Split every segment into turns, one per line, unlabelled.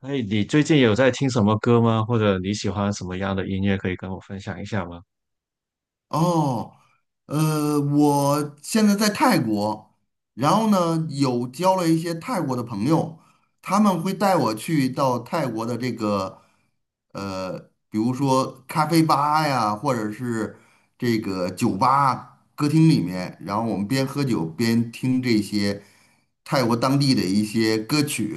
哎，你最近有在听什么歌吗？或者你喜欢什么样的音乐，可以跟我分享一下吗？
哦，我现在在泰国。然后呢，有交了一些泰国的朋友，他们会带我去到泰国的这个，呃，比如说咖啡吧呀，或者是这个酒吧、歌厅里面，然后我们边喝酒边听这些泰国当地的一些歌曲。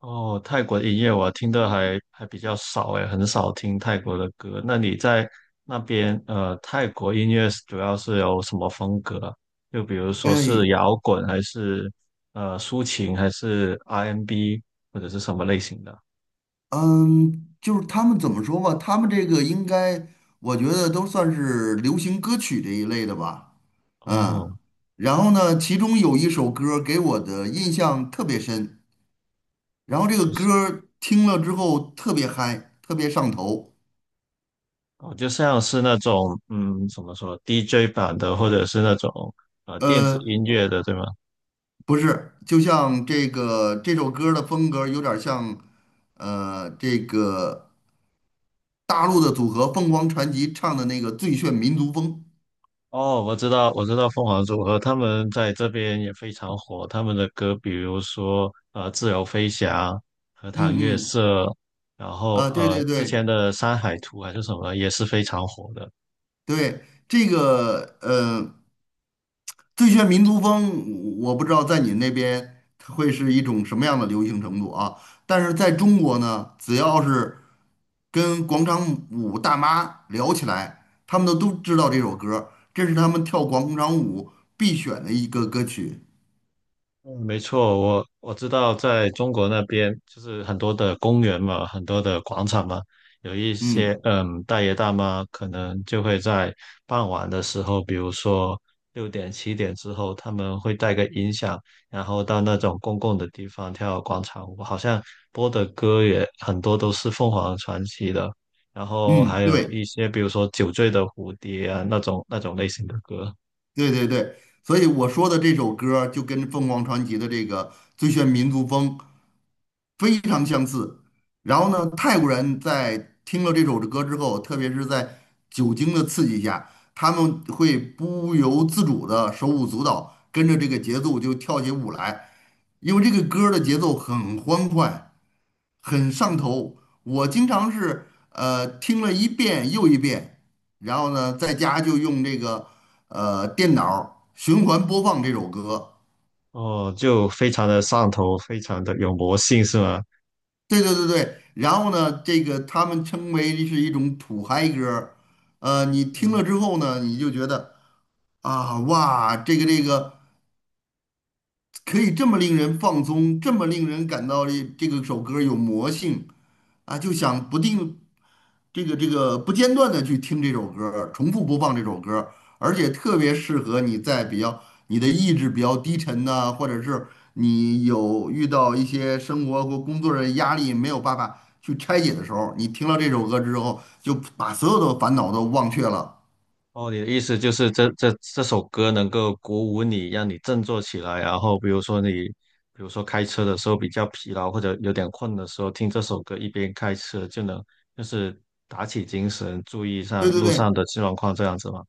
哦，泰国的音乐我听的还比较少，哎，很少听泰国的歌。那你在那边，泰国音乐主要是有什么风格啊，就比如说是
哎，
摇滚，还是抒情，还是 R&B，或者是什么类型的？
嗯，就是他们怎么说吧，他们这个应该，我觉得都算是流行歌曲这一类的吧。嗯，
哦，
然后呢，其中有一首歌儿给我的印象特别深，然后这个
就
歌
是
儿听了之后特别嗨，特别上头。
哦，就像是那种怎么说 DJ 版的，或者是那种电子
呃，
音乐的，对吗？
不是，就像这个这首歌儿的风格有点儿像，这个大陆的组合凤凰传奇唱的那个《最炫民族风》。
哦，我知道，我知道凤凰组合，他们在这边也非常火。他们的歌，比如说《自由飞翔》《荷塘
嗯
月
嗯，
色》，然后
啊，对对
之
对，
前的《山海图》还是什么，也是非常火的。
对，这个最炫民族风，我不知道在你那边它会是一种什么样的流行程度啊。但是在中国呢，只要是跟广场舞大妈聊起来，他们都知道这首歌儿，这是他们跳广场舞必选的一个歌曲。
嗯，没错，我知道，在中国那边就是很多的公园嘛，很多的广场嘛，有一些
嗯
大爷大妈可能就会在傍晚的时候，比如说6点7点之后，他们会带个音响，然后到那种公共的地方跳广场舞，好像播的歌也很多都是凤凰传奇的，然后
嗯，
还有一
对
些比如说酒醉的蝴蝶啊那种类型的歌。
对对对，所以我说的这首歌儿就跟凤凰传奇的这个《最炫民族风》非常相似。然后呢，泰国人在听了这首歌之后，特别是在酒精的刺激下，他们会不由自主的手舞足蹈，跟着这个节奏就跳起舞来。因为这个歌儿的节奏很欢快，很上头。我经常是听了一遍又一遍，然后呢，在家就用这个电脑儿循环播放这首歌。
哦，就非常的上头，非常的有魔性，是吗？
对对对对，然后呢，这个他们称为是一种土嗨歌儿。你听
嗯，
了之后呢，你就觉得啊，哇，这个可以这么令人放松，这么令人感到这个首歌有魔性啊，就想不定这个不间断的去听这首歌儿，重复播放这首歌儿。而且特别适合你在比较，你的意志比较低沉呐、或者是你有遇到一些生活或工作的压力没有办法去拆解的时候，你听了这首歌之后，就把所有的烦恼都忘却了。
哦，你的意思就是这首歌能够鼓舞你，让你振作起来，然后比如说开车的时候比较疲劳或者有点困的时候，听这首歌一边开车就能就是打起精神，注意上
对对
路
对，
上的状况这样子吗？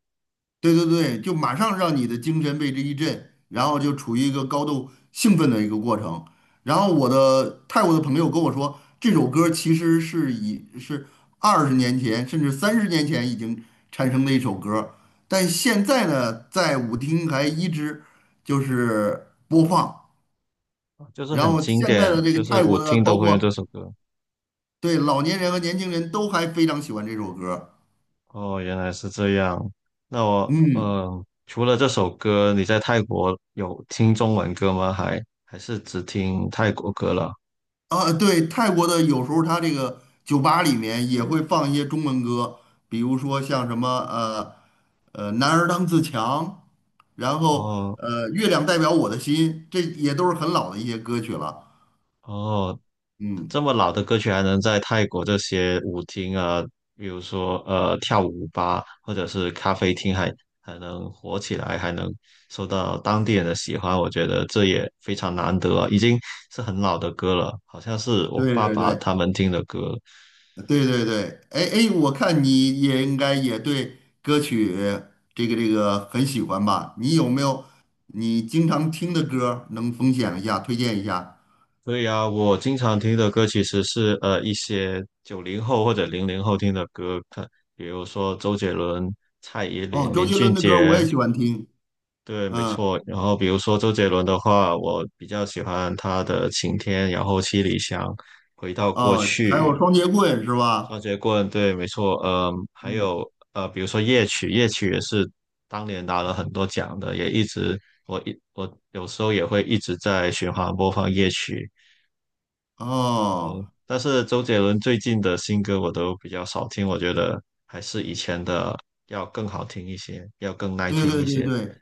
对对对，就马上让你的精神被之一振，然后就处于一个高度兴奋的一个过程。然后我的泰国的朋友跟我说，这首歌其实是20年前甚至30年前已经产生的一首歌，但现在呢，在舞厅还一直就是播放。
啊就是
然
很
后
经
现在
典，
的这
就
个
是
泰国
我
的，
听都
包
会用这
括
首歌。
对老年人和年轻人都还非常喜欢这首歌。
哦，原来是这样。那我，
嗯，
除了这首歌，你在泰国有听中文歌吗？还是只听泰国歌了？
啊，对，泰国的有时候他这个酒吧里面也会放一些中文歌，比如说像什么呃“男儿当自强”，然后
哦
“月亮代表我的心”，这也都是很老的一些歌曲了。
哦，
嗯，
这么老的歌曲还能在泰国这些舞厅啊，比如说跳舞吧，或者是咖啡厅还能火起来，还能受到当地人的喜欢，我觉得这也非常难得啊，已经是很老的歌了，好像是我
对
爸
对
爸
对
他们听的歌。
对对对，哎哎，我看你也应该也对歌曲这个很喜欢吧？你有没有你经常听的歌儿能分享一下、推荐一下？
所以啊，我经常听的歌其实是一些90后或者00后听的歌，比如说周杰伦、蔡依
哦，
林、
周
林
杰
俊
伦的歌儿我
杰，
也喜欢听。
对，没错。然后比如说周杰伦的话，我比较喜欢他的《晴天》，然后《七里香》、回到过
哦，还有
去、
双节棍是
双
吧？
截棍，对，没错。嗯，还
嗯，
有比如说夜曲，夜曲也是当年拿了很多奖的，也一直我有时候也会一直在循环播放夜曲。
哦，
但是周杰伦最近的新歌我都比较少听，我觉得还是以前的要更好听一些，要更耐
对
听
对
一
对
些。
对，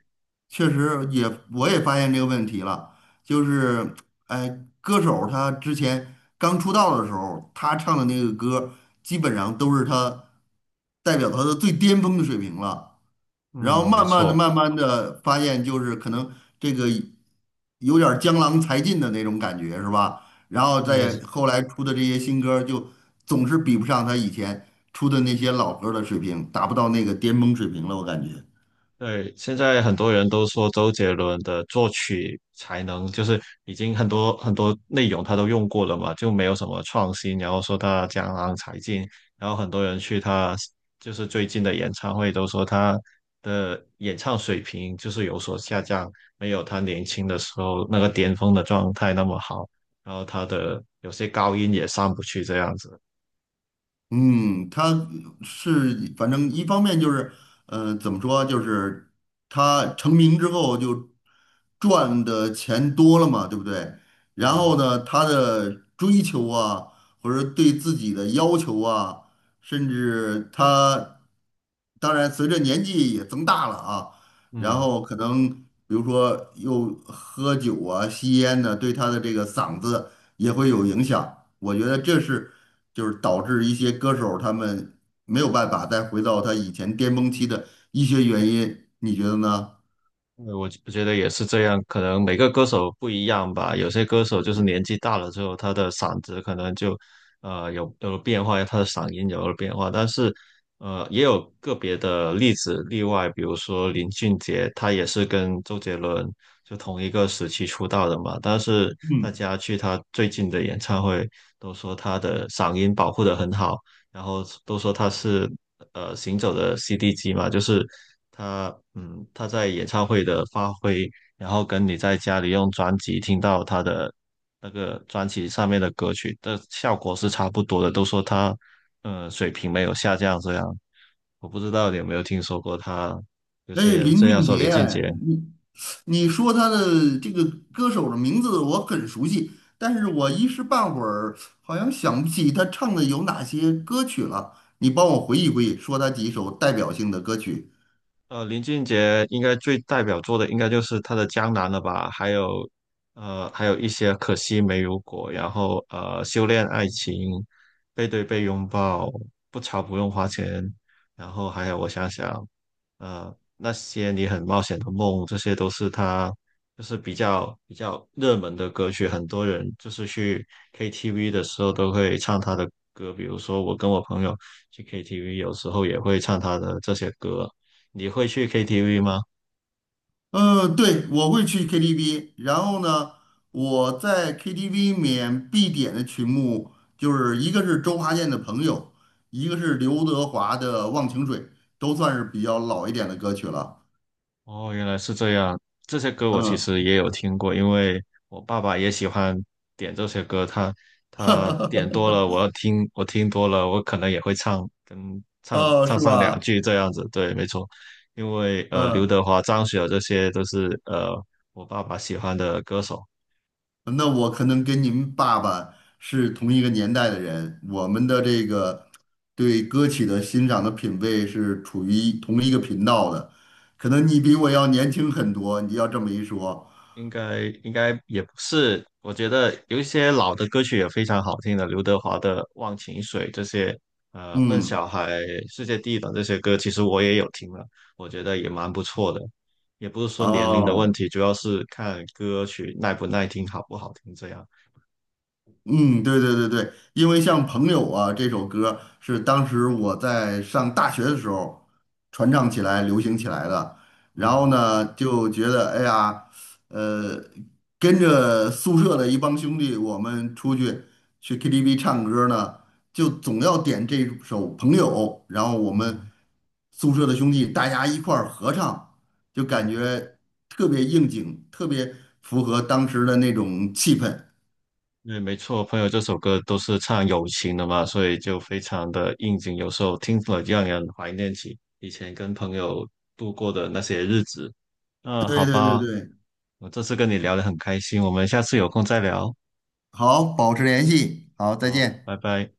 确实也，我也发现这个问题了，就是，哎，歌手他之前刚出道的时候，他唱的那个歌，基本上都是代表他的最巅峰的水平了。然后
嗯，没
慢慢的、
错。
慢慢的发现，就是可能这个有点儿江郎才尽的那种感觉，是吧？然后再
嗯，
后来出的这些新歌，就总是比不上他以前出的那些老歌儿的水平，达不到那个巅峰水平了，我感觉。
对，现在很多人都说周杰伦的作曲才能就是已经很多很多内容他都用过了嘛，就没有什么创新。然后说他江郎才尽，然后很多人去他就是最近的演唱会都说他的演唱水平就是有所下降，没有他年轻的时候那个巅峰的状态那么好。然后他的有些高音也上不去这样子。
嗯，他是反正一方面就是，怎么说，就是他成名之后就赚的钱多了嘛，对不对？然
对。
后呢，他的追求啊，或者对自己的要求啊，甚至他，当然随着年纪也增大了啊，然
嗯。
后可能比如说又喝酒啊、吸烟呢、对他的这个嗓子也会有影响。我觉得这是就是导致一些歌手他们没有办法再回到他以前巅峰期的一些原因，你觉得呢？
对，我觉得也是这样，可能每个歌手不一样吧。有些歌手就是年纪大了之后，他的嗓子可能就有了变化，他的嗓音有了变化。但是也有个别的例子例外，比如说林俊杰，他也是跟周杰伦就同一个时期出道的嘛。但是大
嗯，
家去他最近的演唱会，都说他的嗓音保护的很好，然后都说他是行走的 CD 机嘛，就是。他在演唱会的发挥，然后跟你在家里用专辑听到他的那个专辑上面的歌曲的效果是差不多的，都说他水平没有下降这样。我不知道你有没有听说过他
哎，林
这样
俊
说林
杰，
俊杰。
你你说他的这个歌手的名字我很熟悉，但是我一时半会儿好像想不起他唱的有哪些歌曲了。你帮我回忆回忆，说他几首代表性的歌曲。
林俊杰应该最代表作的应该就是他的《江南》了吧，还有，还有一些《可惜没如果》，然后修炼爱情》、《背对背拥抱》、《不潮不用花钱》，然后还有我想想，呃，那些你很冒险的梦，这些都是他就是比较比较热门的歌曲，很多人就是去 KTV 的时候都会唱他的歌，比如说我跟我朋友去 KTV,有时候也会唱他的这些歌。你会去 KTV 吗？
嗯，对,我会去 KTV,然后呢，我在 KTV 里面必点的曲目就是一个是周华健的《朋友》，一个是刘德华的《忘情水》，都算是比较老一点的歌曲了。
哦，原来是这样。这些歌我其
嗯，
实也有听过，因为我爸爸也喜欢点这些歌，他点多了，我听多了，我可能也会唱，跟唱
哦，
唱
是
上两
吧？
句这样子。对，没错，因为刘
嗯，
德华、张学友这些都是我爸爸喜欢的歌手。
那我可能跟您爸爸是同一个年代的人，我们的这个对歌曲的欣赏的品味是处于同一个频道的，可能你比我要年轻很多，你要这么一说，
应该也不是，我觉得有一些老的歌曲也非常好听的，刘德华的《忘情水》这些，笨
嗯。
小孩》《世界第一等》这些歌，其实我也有听了，我觉得也蛮不错的。也不是说年龄的问
哦，
题，主要是看歌曲耐不耐听、好不好听这样。
嗯，对对对对，因为像《朋友》啊这首歌是当时我在上大学的时候传唱起来、流行起来的，然后
嗯
呢就觉得哎呀，呃，跟着宿舍的一帮兄弟，我们出去 KTV 唱歌呢，就总要点这首《朋友》，然后我们
嗯
宿舍的兄弟大家一块儿合唱，就感
嗯。
觉特别应景，特别符合当时的那种气氛。
对，没错，朋友这首歌都是唱友情的嘛，所以就非常的应景，有时候听了让人怀念起以前跟朋友度过的那些日子。那好
对对对
吧，
对，
我这次跟你聊得很开心，我们下次有空再聊。
好，保持联系，好，再
好，
见。
拜拜。